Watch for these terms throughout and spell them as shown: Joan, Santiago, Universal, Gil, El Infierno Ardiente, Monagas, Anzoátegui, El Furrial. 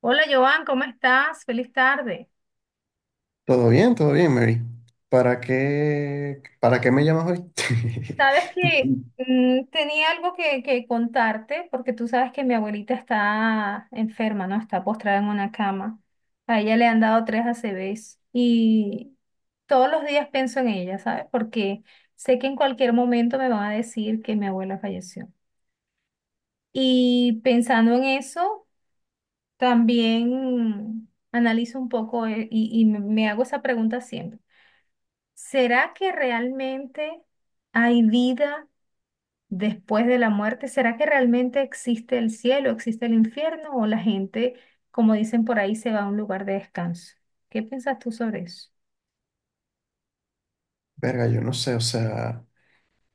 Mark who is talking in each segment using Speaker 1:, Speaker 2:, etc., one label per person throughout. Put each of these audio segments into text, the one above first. Speaker 1: Hola Joan, ¿cómo estás? Feliz tarde.
Speaker 2: Todo bien, Mary. ¿Para qué me llamas hoy?
Speaker 1: Sabes que tenía algo que contarte porque tú sabes que mi abuelita está enferma, ¿no? Está postrada en una cama. A ella le han dado tres A C ACVs y todos los días pienso en ella, ¿sabes? Porque sé que en cualquier momento me van a decir que mi abuela falleció. Y pensando en eso, también analizo un poco, y me hago esa pregunta siempre. ¿Será que realmente hay vida después de la muerte? ¿Será que realmente existe el cielo, existe el infierno o la gente, como dicen por ahí, se va a un lugar de descanso? ¿Qué piensas tú sobre eso?
Speaker 2: Verga, yo no sé, o sea,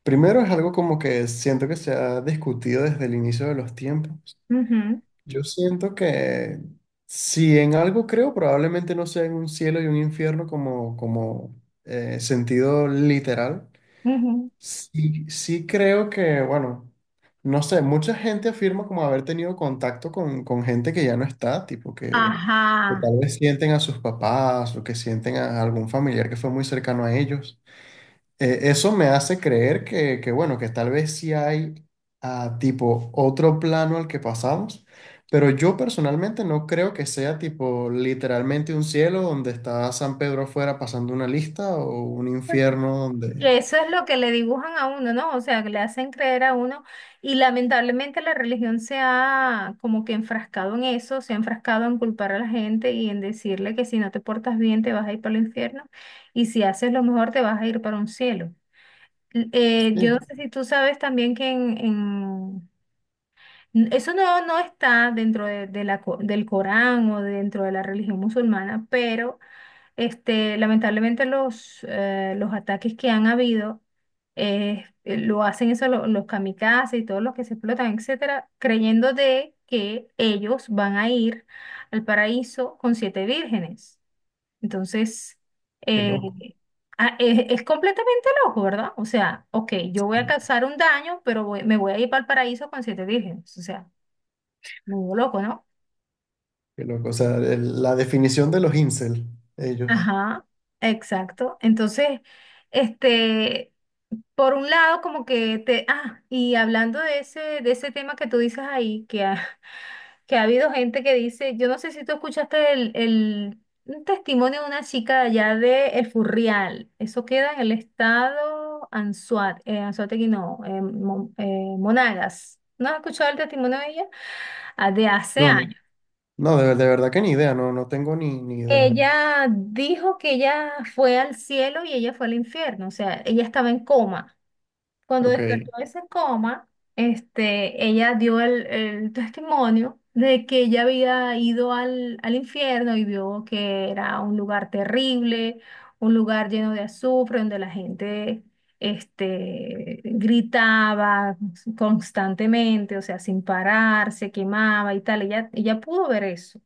Speaker 2: primero es algo como que siento que se ha discutido desde el inicio de los tiempos.
Speaker 1: Ujú,
Speaker 2: Yo siento que si en algo creo, probablemente no sea en un cielo y un infierno como, sentido literal.
Speaker 1: ujú.
Speaker 2: Sí, sí creo que, bueno, no sé, mucha gente afirma como haber tenido contacto con gente que ya no está, tipo que
Speaker 1: Ajá,
Speaker 2: tal vez sienten a sus papás o que sienten a algún familiar que fue muy cercano a ellos. Eso me hace creer que, bueno, que tal vez sí hay tipo otro plano al que pasamos, pero yo personalmente no creo que sea tipo literalmente un cielo donde está San Pedro afuera pasando una lista o un infierno donde.
Speaker 1: que Eso es lo que le dibujan a uno, ¿no? O sea, que le hacen creer a uno. Y lamentablemente la religión se ha como que enfrascado en eso, se ha enfrascado en culpar a la gente y en decirle que si no te portas bien te vas a ir para el infierno, y si haces lo mejor te vas a ir para un cielo. Yo no
Speaker 2: Sí.
Speaker 1: sé si tú sabes también que eso no está dentro del Corán o dentro de la religión musulmana, pero... lamentablemente los ataques que han habido, lo hacen eso, los kamikazes y todos los que se explotan, etcétera, creyendo de que ellos van a ir al paraíso con siete vírgenes. Entonces,
Speaker 2: Qué
Speaker 1: eh,
Speaker 2: loco.
Speaker 1: es completamente loco, ¿verdad? O sea, ok, yo voy a causar un daño, pero me voy a ir para el paraíso con siete vírgenes. O sea, muy loco, ¿no?
Speaker 2: Qué loco. O sea, la definición de los incel, ellos.
Speaker 1: Ajá, exacto. Entonces, este... Por un lado, como que te... Ah, y hablando de ese tema que tú dices ahí, que ha habido gente que dice, yo no sé si tú escuchaste el un testimonio de una chica de allá de El Furrial. Eso queda en el estado Anzuat, Anzoátegui no, Monagas. ¿No has escuchado el testimonio de ella? Ah, de hace
Speaker 2: No, no.
Speaker 1: años.
Speaker 2: No, de verdad que ni idea, no, no tengo ni idea.
Speaker 1: Ella dijo que ella fue al cielo y ella fue al infierno, o sea, ella estaba en coma. Cuando
Speaker 2: Ok,
Speaker 1: despertó de ese coma, ella dio el testimonio de que ella había ido al, al infierno y vio que era un lugar terrible, un lugar lleno de azufre, donde la gente, gritaba constantemente, o sea, sin parar, se quemaba y tal. Ella pudo ver eso,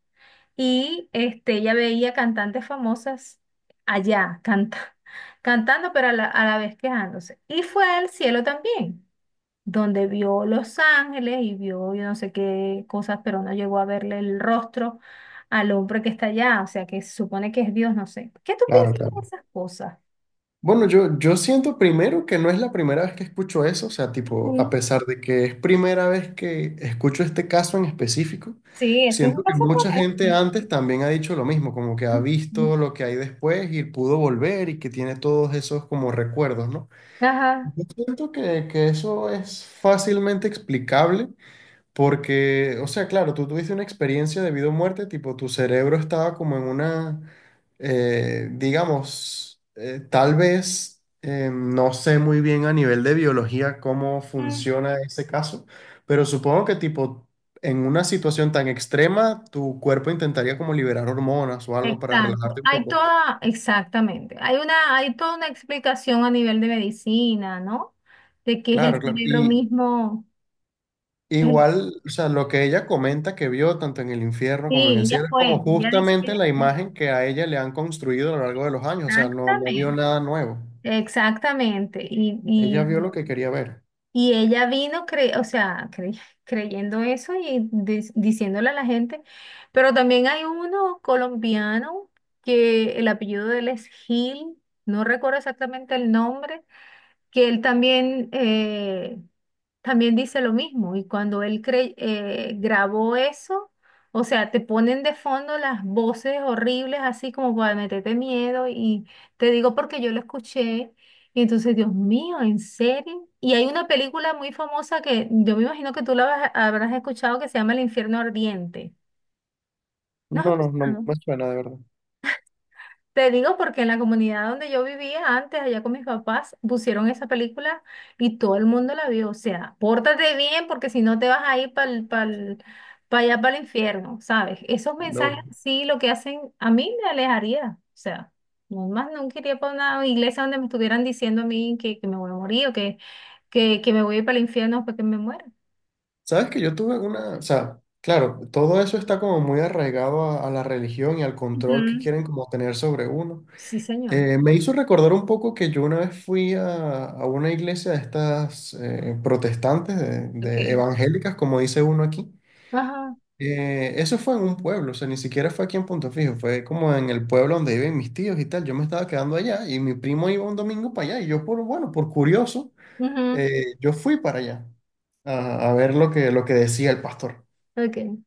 Speaker 1: y ella veía cantantes famosas allá cantando, pero a la vez quejándose. Y fue al cielo también, donde vio Los Ángeles y vio yo no sé qué cosas, pero no llegó a verle el rostro al hombre que está allá, o sea, que se supone que es Dios, no sé. ¿Qué tú
Speaker 2: claro,
Speaker 1: piensas de
Speaker 2: claro.
Speaker 1: esas cosas?
Speaker 2: Bueno, yo siento primero que no es la primera vez que escucho eso, o sea, tipo, a
Speaker 1: Ujú.
Speaker 2: pesar de que es primera vez que escucho este caso en específico,
Speaker 1: Sí, eso es un
Speaker 2: siento que
Speaker 1: caso
Speaker 2: mucha gente
Speaker 1: famoso.
Speaker 2: antes también ha dicho lo mismo, como que ha
Speaker 1: Ujú.
Speaker 2: visto lo que hay después y pudo volver y que tiene todos esos como recuerdos, ¿no?
Speaker 1: Ajá.
Speaker 2: Yo siento que eso es fácilmente explicable. Porque, o sea, claro, tú tuviste una experiencia de vida o muerte, tipo, tu cerebro estaba como en una, digamos, tal vez, no sé muy bien a nivel de biología cómo funciona ese caso, pero supongo que, tipo, en una situación tan extrema, tu cuerpo intentaría como liberar hormonas o algo para
Speaker 1: Exacto,
Speaker 2: relajarte un
Speaker 1: hay
Speaker 2: poco.
Speaker 1: toda, exactamente, hay una, hay toda una explicación a nivel de medicina, ¿no? De que es
Speaker 2: Claro,
Speaker 1: el
Speaker 2: claro.
Speaker 1: cerebro
Speaker 2: Y,
Speaker 1: mismo, es el-
Speaker 2: igual, o sea, lo que ella comenta que vio tanto en el infierno como en el
Speaker 1: sí, ya
Speaker 2: cielo es como
Speaker 1: fue, ya dice que
Speaker 2: justamente la imagen que a ella le han construido a lo largo de los años, o sea, no, no vio
Speaker 1: exactamente,
Speaker 2: nada nuevo.
Speaker 1: exactamente, y,
Speaker 2: Ella vio
Speaker 1: y,
Speaker 2: lo que quería ver.
Speaker 1: y ella vino, o sea, creyendo eso y diciéndole a la gente, pero también hay uno colombiano que el apellido de él es Gil. No recuerdo exactamente el nombre, que él también dice lo mismo. Y cuando él grabó eso, o sea, te ponen de fondo las voces horribles, así como para meterte miedo. Y te digo porque yo lo escuché. Y entonces, Dios mío, ¿en serio? Y hay una película muy famosa que yo me imagino que tú la habrás escuchado, que se llama El Infierno Ardiente. ¿No has
Speaker 2: No, no, no
Speaker 1: escuchado?
Speaker 2: me suena de verdad.
Speaker 1: Te digo porque en la comunidad donde yo vivía antes, allá con mis papás, pusieron esa película y todo el mundo la vio. O sea, pórtate bien porque si no te vas a ir para allá, para el infierno, ¿sabes? Esos mensajes
Speaker 2: Loco.
Speaker 1: sí, lo que hacen a mí, me alejaría. O sea, no más nunca iría para una iglesia donde me estuvieran diciendo a mí que me voy a morir, o que me voy a ir para el infierno porque me muera.
Speaker 2: Sabes que yo tuve una, o sea, claro, todo eso está como muy arraigado a la religión y al control que
Speaker 1: Ujú.
Speaker 2: quieren como tener sobre uno.
Speaker 1: Sí, señor.
Speaker 2: Me hizo recordar un poco que yo una vez fui a una iglesia de estas protestantes, de
Speaker 1: Okay.
Speaker 2: evangélicas, como dice uno aquí.
Speaker 1: Ajá.
Speaker 2: Eso fue en un pueblo, o sea, ni siquiera fue aquí en Punto Fijo, fue como en el pueblo donde viven mis tíos y tal. Yo me estaba quedando allá y mi primo iba un domingo para allá y yo por, bueno, por curioso,
Speaker 1: Ujú.
Speaker 2: yo fui para allá a ver lo que decía el pastor.
Speaker 1: Ok.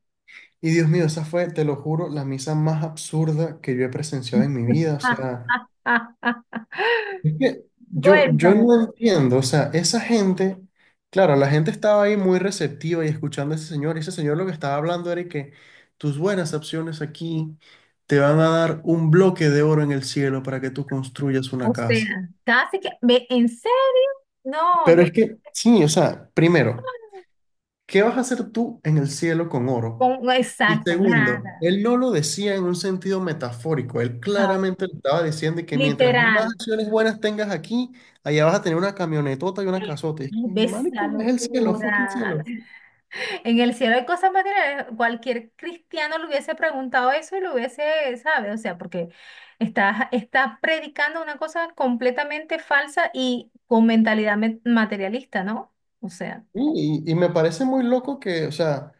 Speaker 2: Y Dios mío, esa fue, te lo juro, la misa más absurda que yo he presenciado en mi vida. O sea, es que yo
Speaker 1: Cuéntame.
Speaker 2: no entiendo, o sea, esa gente, claro, la gente estaba ahí muy receptiva y escuchando a ese señor, y ese señor lo que estaba hablando era que tus buenas acciones aquí te van a dar un bloque de oro en el cielo para que tú construyas una
Speaker 1: O
Speaker 2: casa.
Speaker 1: sea, casi que, ve, ¿en serio? No,
Speaker 2: Pero es que, sí, o sea, primero. ¿Qué vas a hacer tú en el cielo con oro? Y
Speaker 1: exacto,
Speaker 2: segundo,
Speaker 1: nada.
Speaker 2: él no lo decía en un sentido metafórico, él
Speaker 1: Ajá.
Speaker 2: claramente le estaba diciendo que mientras más
Speaker 1: Literal.
Speaker 2: acciones buenas tengas aquí, allá vas a tener una camionetota y una
Speaker 1: Ay,
Speaker 2: casota. Y,
Speaker 1: ¿ves la
Speaker 2: marico, es el cielo, fucking
Speaker 1: locura?
Speaker 2: cielo.
Speaker 1: En el cielo hay cosas materiales. Cualquier cristiano le hubiese preguntado eso y lo hubiese, ¿sabe? O sea, porque está predicando una cosa completamente falsa y con mentalidad materialista, ¿no? O sea.
Speaker 2: Sí, y me parece muy loco que, o sea,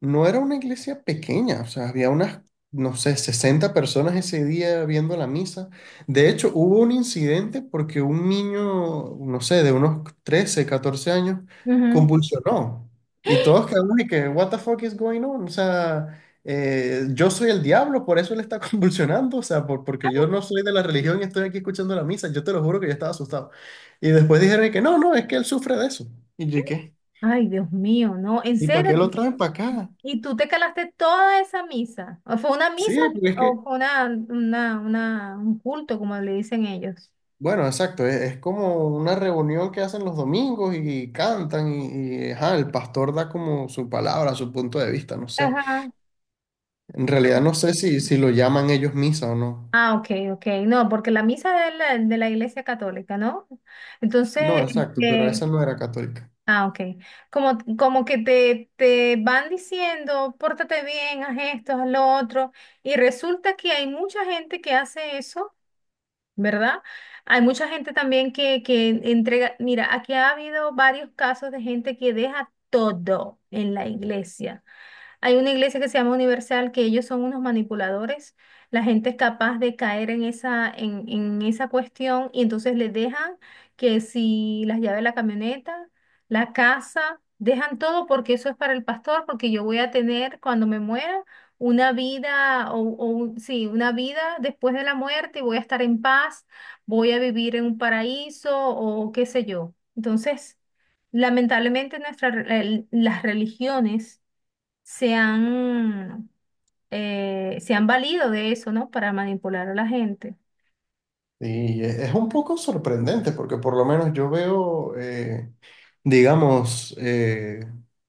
Speaker 2: no era una iglesia pequeña, o sea, había unas, no sé, 60 personas ese día viendo la misa. De hecho, hubo un incidente porque un niño, no sé, de unos 13 14 años,
Speaker 1: Ujú.
Speaker 2: convulsionó. Y todos quedamos de que, what the fuck is going on? O sea, yo soy el diablo, por eso él está convulsionando, o sea, porque yo no soy de la religión y estoy aquí escuchando la misa. Yo te lo juro que yo estaba asustado. Y después dijeron de que no, no, es que él sufre de eso. Y yo, ¿qué?
Speaker 1: Ay, Dios mío, no, en
Speaker 2: ¿Y para
Speaker 1: serio,
Speaker 2: qué lo traen para acá?
Speaker 1: ¿y tú te calaste toda esa misa? ¿O fue una
Speaker 2: Sí,
Speaker 1: misa
Speaker 2: porque es que,
Speaker 1: o fue un culto, como le dicen ellos?
Speaker 2: bueno, exacto, es como una reunión que hacen los domingos y, cantan y, ajá, el pastor da como su palabra, su punto de vista, no sé.
Speaker 1: Ajá.
Speaker 2: En realidad no sé si lo llaman ellos misa o no.
Speaker 1: Ah, ok, ok. No, porque la misa es de la Iglesia Católica, ¿no? Entonces,
Speaker 2: No, exacto, pero esa no era católica.
Speaker 1: ok. Como, como que te van diciendo, pórtate bien, haz esto, haz lo otro. Y resulta que hay mucha gente que hace eso, ¿verdad? Hay mucha gente también que, entrega, mira, aquí ha habido varios casos de gente que deja todo en la iglesia. Hay una iglesia que se llama Universal, que ellos son unos manipuladores. La gente es capaz de caer en esa cuestión, y entonces les dejan que si las llaves de la camioneta, la casa, dejan todo porque eso es para el pastor, porque yo voy a tener, cuando me muera, una vida sí, una vida después de la muerte, y voy a estar en paz, voy a vivir en un paraíso o qué sé yo. Entonces, lamentablemente nuestras las religiones se han, se han valido de eso, ¿no? Para manipular a la gente.
Speaker 2: Y es un poco sorprendente porque por lo menos yo veo, digamos,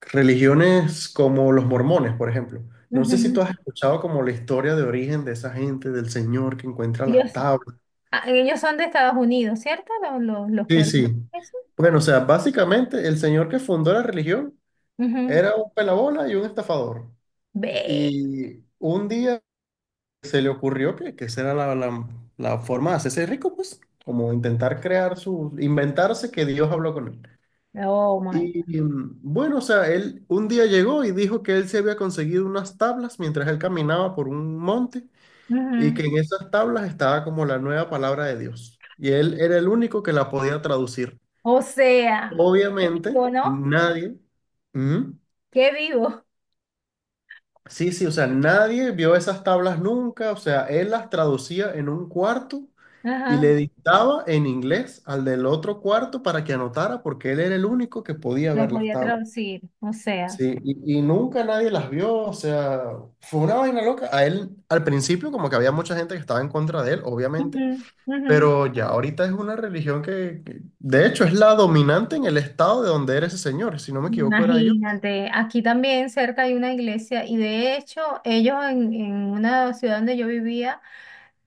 Speaker 2: religiones como los mormones, por ejemplo. No sé si
Speaker 1: Ujú.
Speaker 2: tú has escuchado como la historia de origen de esa gente, del Señor que encuentra las
Speaker 1: Ellos,
Speaker 2: tablas.
Speaker 1: ellos son de Estados Unidos, ¿cierto? Los que
Speaker 2: Sí, sí.
Speaker 1: organizan eso.
Speaker 2: Bueno, o sea, básicamente el señor que fundó la religión
Speaker 1: Ujú.
Speaker 2: era un pelabola y un estafador.
Speaker 1: Ve.
Speaker 2: Y un día se le ocurrió que esa era la forma de hacerse rico, pues, como intentar crear su, inventarse que Dios habló con él.
Speaker 1: Oh my God.
Speaker 2: Y bueno, o sea, él un día llegó y dijo que él se había conseguido unas tablas mientras él caminaba por un monte y que
Speaker 1: Ujú.
Speaker 2: en esas tablas estaba como la nueva palabra de Dios. Y él era el único que la podía traducir.
Speaker 1: O sea, qué
Speaker 2: Obviamente,
Speaker 1: vivo, ¿no?
Speaker 2: nadie, ujú.
Speaker 1: Qué vivo.
Speaker 2: Sí, sí, o sea, nadie vio esas tablas nunca, o sea, él las traducía en un cuarto y le
Speaker 1: Ajá.
Speaker 2: dictaba en inglés al del otro cuarto para que anotara porque él era el único que podía
Speaker 1: Los
Speaker 2: ver las
Speaker 1: podía
Speaker 2: tablas.
Speaker 1: traducir. O sea.
Speaker 2: Sí, y nunca nadie las vio, o sea, fue una vaina loca. A él, al principio, como que había mucha gente que estaba en contra de él, obviamente,
Speaker 1: Ujú, ujú.
Speaker 2: pero ya ahorita es una religión que, de hecho, es la dominante en el estado de donde era ese señor, si no me equivoco, era yo.
Speaker 1: Imagínate, aquí también cerca hay una iglesia, y de hecho ellos, en una ciudad donde yo vivía,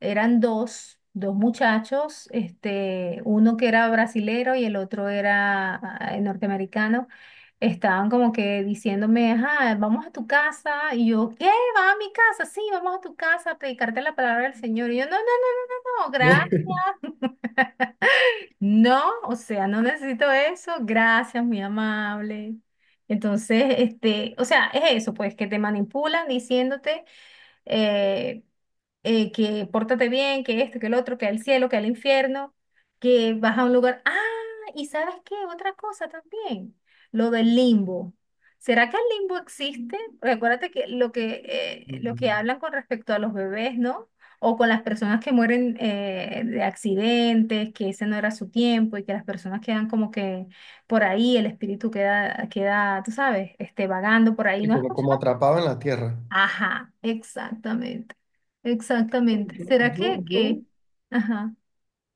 Speaker 1: eran dos muchachos, uno que era brasilero y el otro era norteamericano. Estaban como que diciéndome, ajá, vamos a tu casa. Y yo, ¿qué? ¿Vas a mi casa? Sí, vamos a tu casa a predicarte la palabra del Señor. Y yo, no, no, no, no, gracias. No, o sea, no necesito eso. Gracias, muy amable. Entonces, o sea, es eso, pues, que te manipulan diciéndote, eh, que pórtate bien, que esto, que el otro, que el cielo, que el infierno, que vas a un lugar. Ah, ¿y sabes qué? Otra cosa también, lo del limbo. ¿Será que el limbo existe? Porque acuérdate que lo que hablan con respecto a los bebés, ¿no? O con las personas que mueren, de accidentes, que ese no era su tiempo, y que las personas quedan como que por ahí, el espíritu queda, queda, tú sabes, vagando por ahí.
Speaker 2: Y
Speaker 1: ¿No has
Speaker 2: como
Speaker 1: escuchado?
Speaker 2: atrapado en la tierra.
Speaker 1: Ajá, exactamente, exactamente.
Speaker 2: Yo,
Speaker 1: ¿Será
Speaker 2: yo, yo,
Speaker 1: ajá,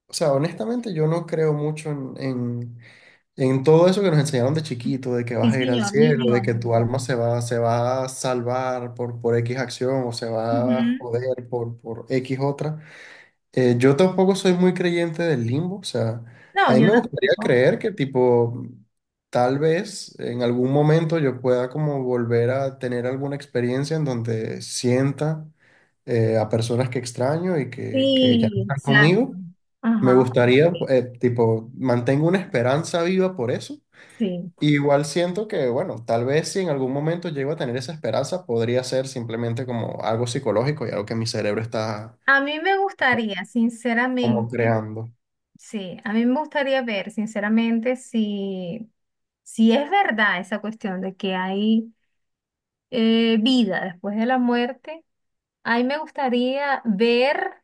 Speaker 2: o sea, honestamente, yo no creo mucho en todo eso que nos enseñaron de chiquito, de que
Speaker 1: sí
Speaker 2: vas a ir al
Speaker 1: señor,
Speaker 2: cielo,
Speaker 1: ni yo.
Speaker 2: de que
Speaker 1: Ni yo.
Speaker 2: tu alma se va a salvar por X acción o se va a
Speaker 1: Ujú.
Speaker 2: joder por X otra. Yo tampoco soy muy creyente del limbo, o sea, a
Speaker 1: No,
Speaker 2: mí
Speaker 1: yo
Speaker 2: me gustaría
Speaker 1: tampoco.
Speaker 2: creer que tipo, tal vez en algún momento yo pueda como volver a tener alguna experiencia en donde sienta a personas que extraño y que ya no
Speaker 1: Sí,
Speaker 2: están
Speaker 1: exacto.
Speaker 2: conmigo. Me
Speaker 1: Ajá,
Speaker 2: gustaría,
Speaker 1: ok,
Speaker 2: tipo, mantengo una esperanza viva por eso.
Speaker 1: sí.
Speaker 2: Igual siento que, bueno, tal vez si en algún momento llego a tener esa esperanza, podría ser simplemente como algo psicológico y algo que mi cerebro está
Speaker 1: A mí me gustaría,
Speaker 2: como
Speaker 1: sinceramente,
Speaker 2: creando.
Speaker 1: sí, a mí me gustaría ver, sinceramente, si es verdad esa cuestión de que hay, vida después de la muerte. A mí me gustaría ver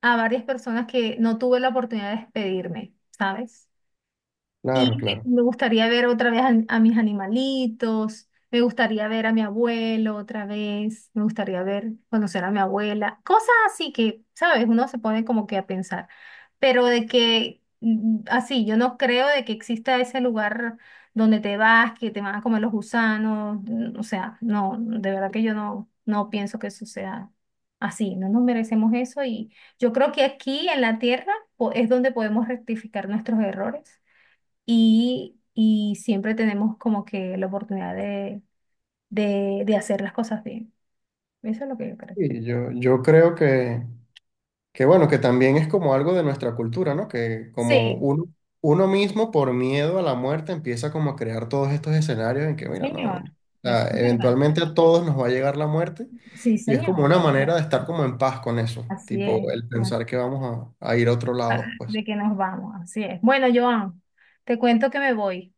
Speaker 1: a varias personas que no tuve la oportunidad de despedirme, ¿sabes?
Speaker 2: Claro,
Speaker 1: Y
Speaker 2: claro.
Speaker 1: me gustaría ver otra vez a, mis animalitos, me gustaría ver a mi abuelo otra vez, me gustaría ver, conocer a mi abuela, cosas así que, ¿sabes? Uno se pone como que a pensar, pero de que así, yo no creo de que exista ese lugar donde te vas, que te van a comer los gusanos. O sea, no, de verdad que yo no pienso que eso sea así. No nos merecemos eso, y yo creo que aquí en la tierra es donde podemos rectificar nuestros errores, y, siempre tenemos como que la oportunidad de hacer las cosas bien. Eso es lo que yo creo.
Speaker 2: Y yo creo que, bueno, que también es como algo de nuestra cultura, ¿no? Que como
Speaker 1: Sí,
Speaker 2: uno mismo por miedo a la muerte empieza como a crear todos estos escenarios en que, mira, no,
Speaker 1: señor,
Speaker 2: o
Speaker 1: eso
Speaker 2: sea,
Speaker 1: es verdad.
Speaker 2: eventualmente a todos nos va a llegar la muerte
Speaker 1: Sí,
Speaker 2: y es como
Speaker 1: señor.
Speaker 2: una manera de estar como en paz con eso,
Speaker 1: Así
Speaker 2: tipo
Speaker 1: es.
Speaker 2: el
Speaker 1: Así
Speaker 2: pensar que
Speaker 1: es.
Speaker 2: vamos a ir a otro
Speaker 1: Ah,
Speaker 2: lado después.
Speaker 1: de que nos vamos, así es. Bueno, Joan, te cuento que me voy,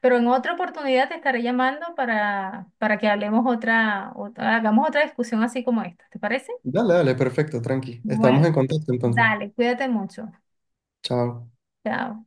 Speaker 1: pero en otra oportunidad te estaré llamando para que hablemos hagamos otra discusión así como esta. ¿Te parece?
Speaker 2: Dale, dale, perfecto, tranqui. Estamos
Speaker 1: Bueno,
Speaker 2: en contacto entonces.
Speaker 1: dale, cuídate mucho.
Speaker 2: Chao.
Speaker 1: Chao.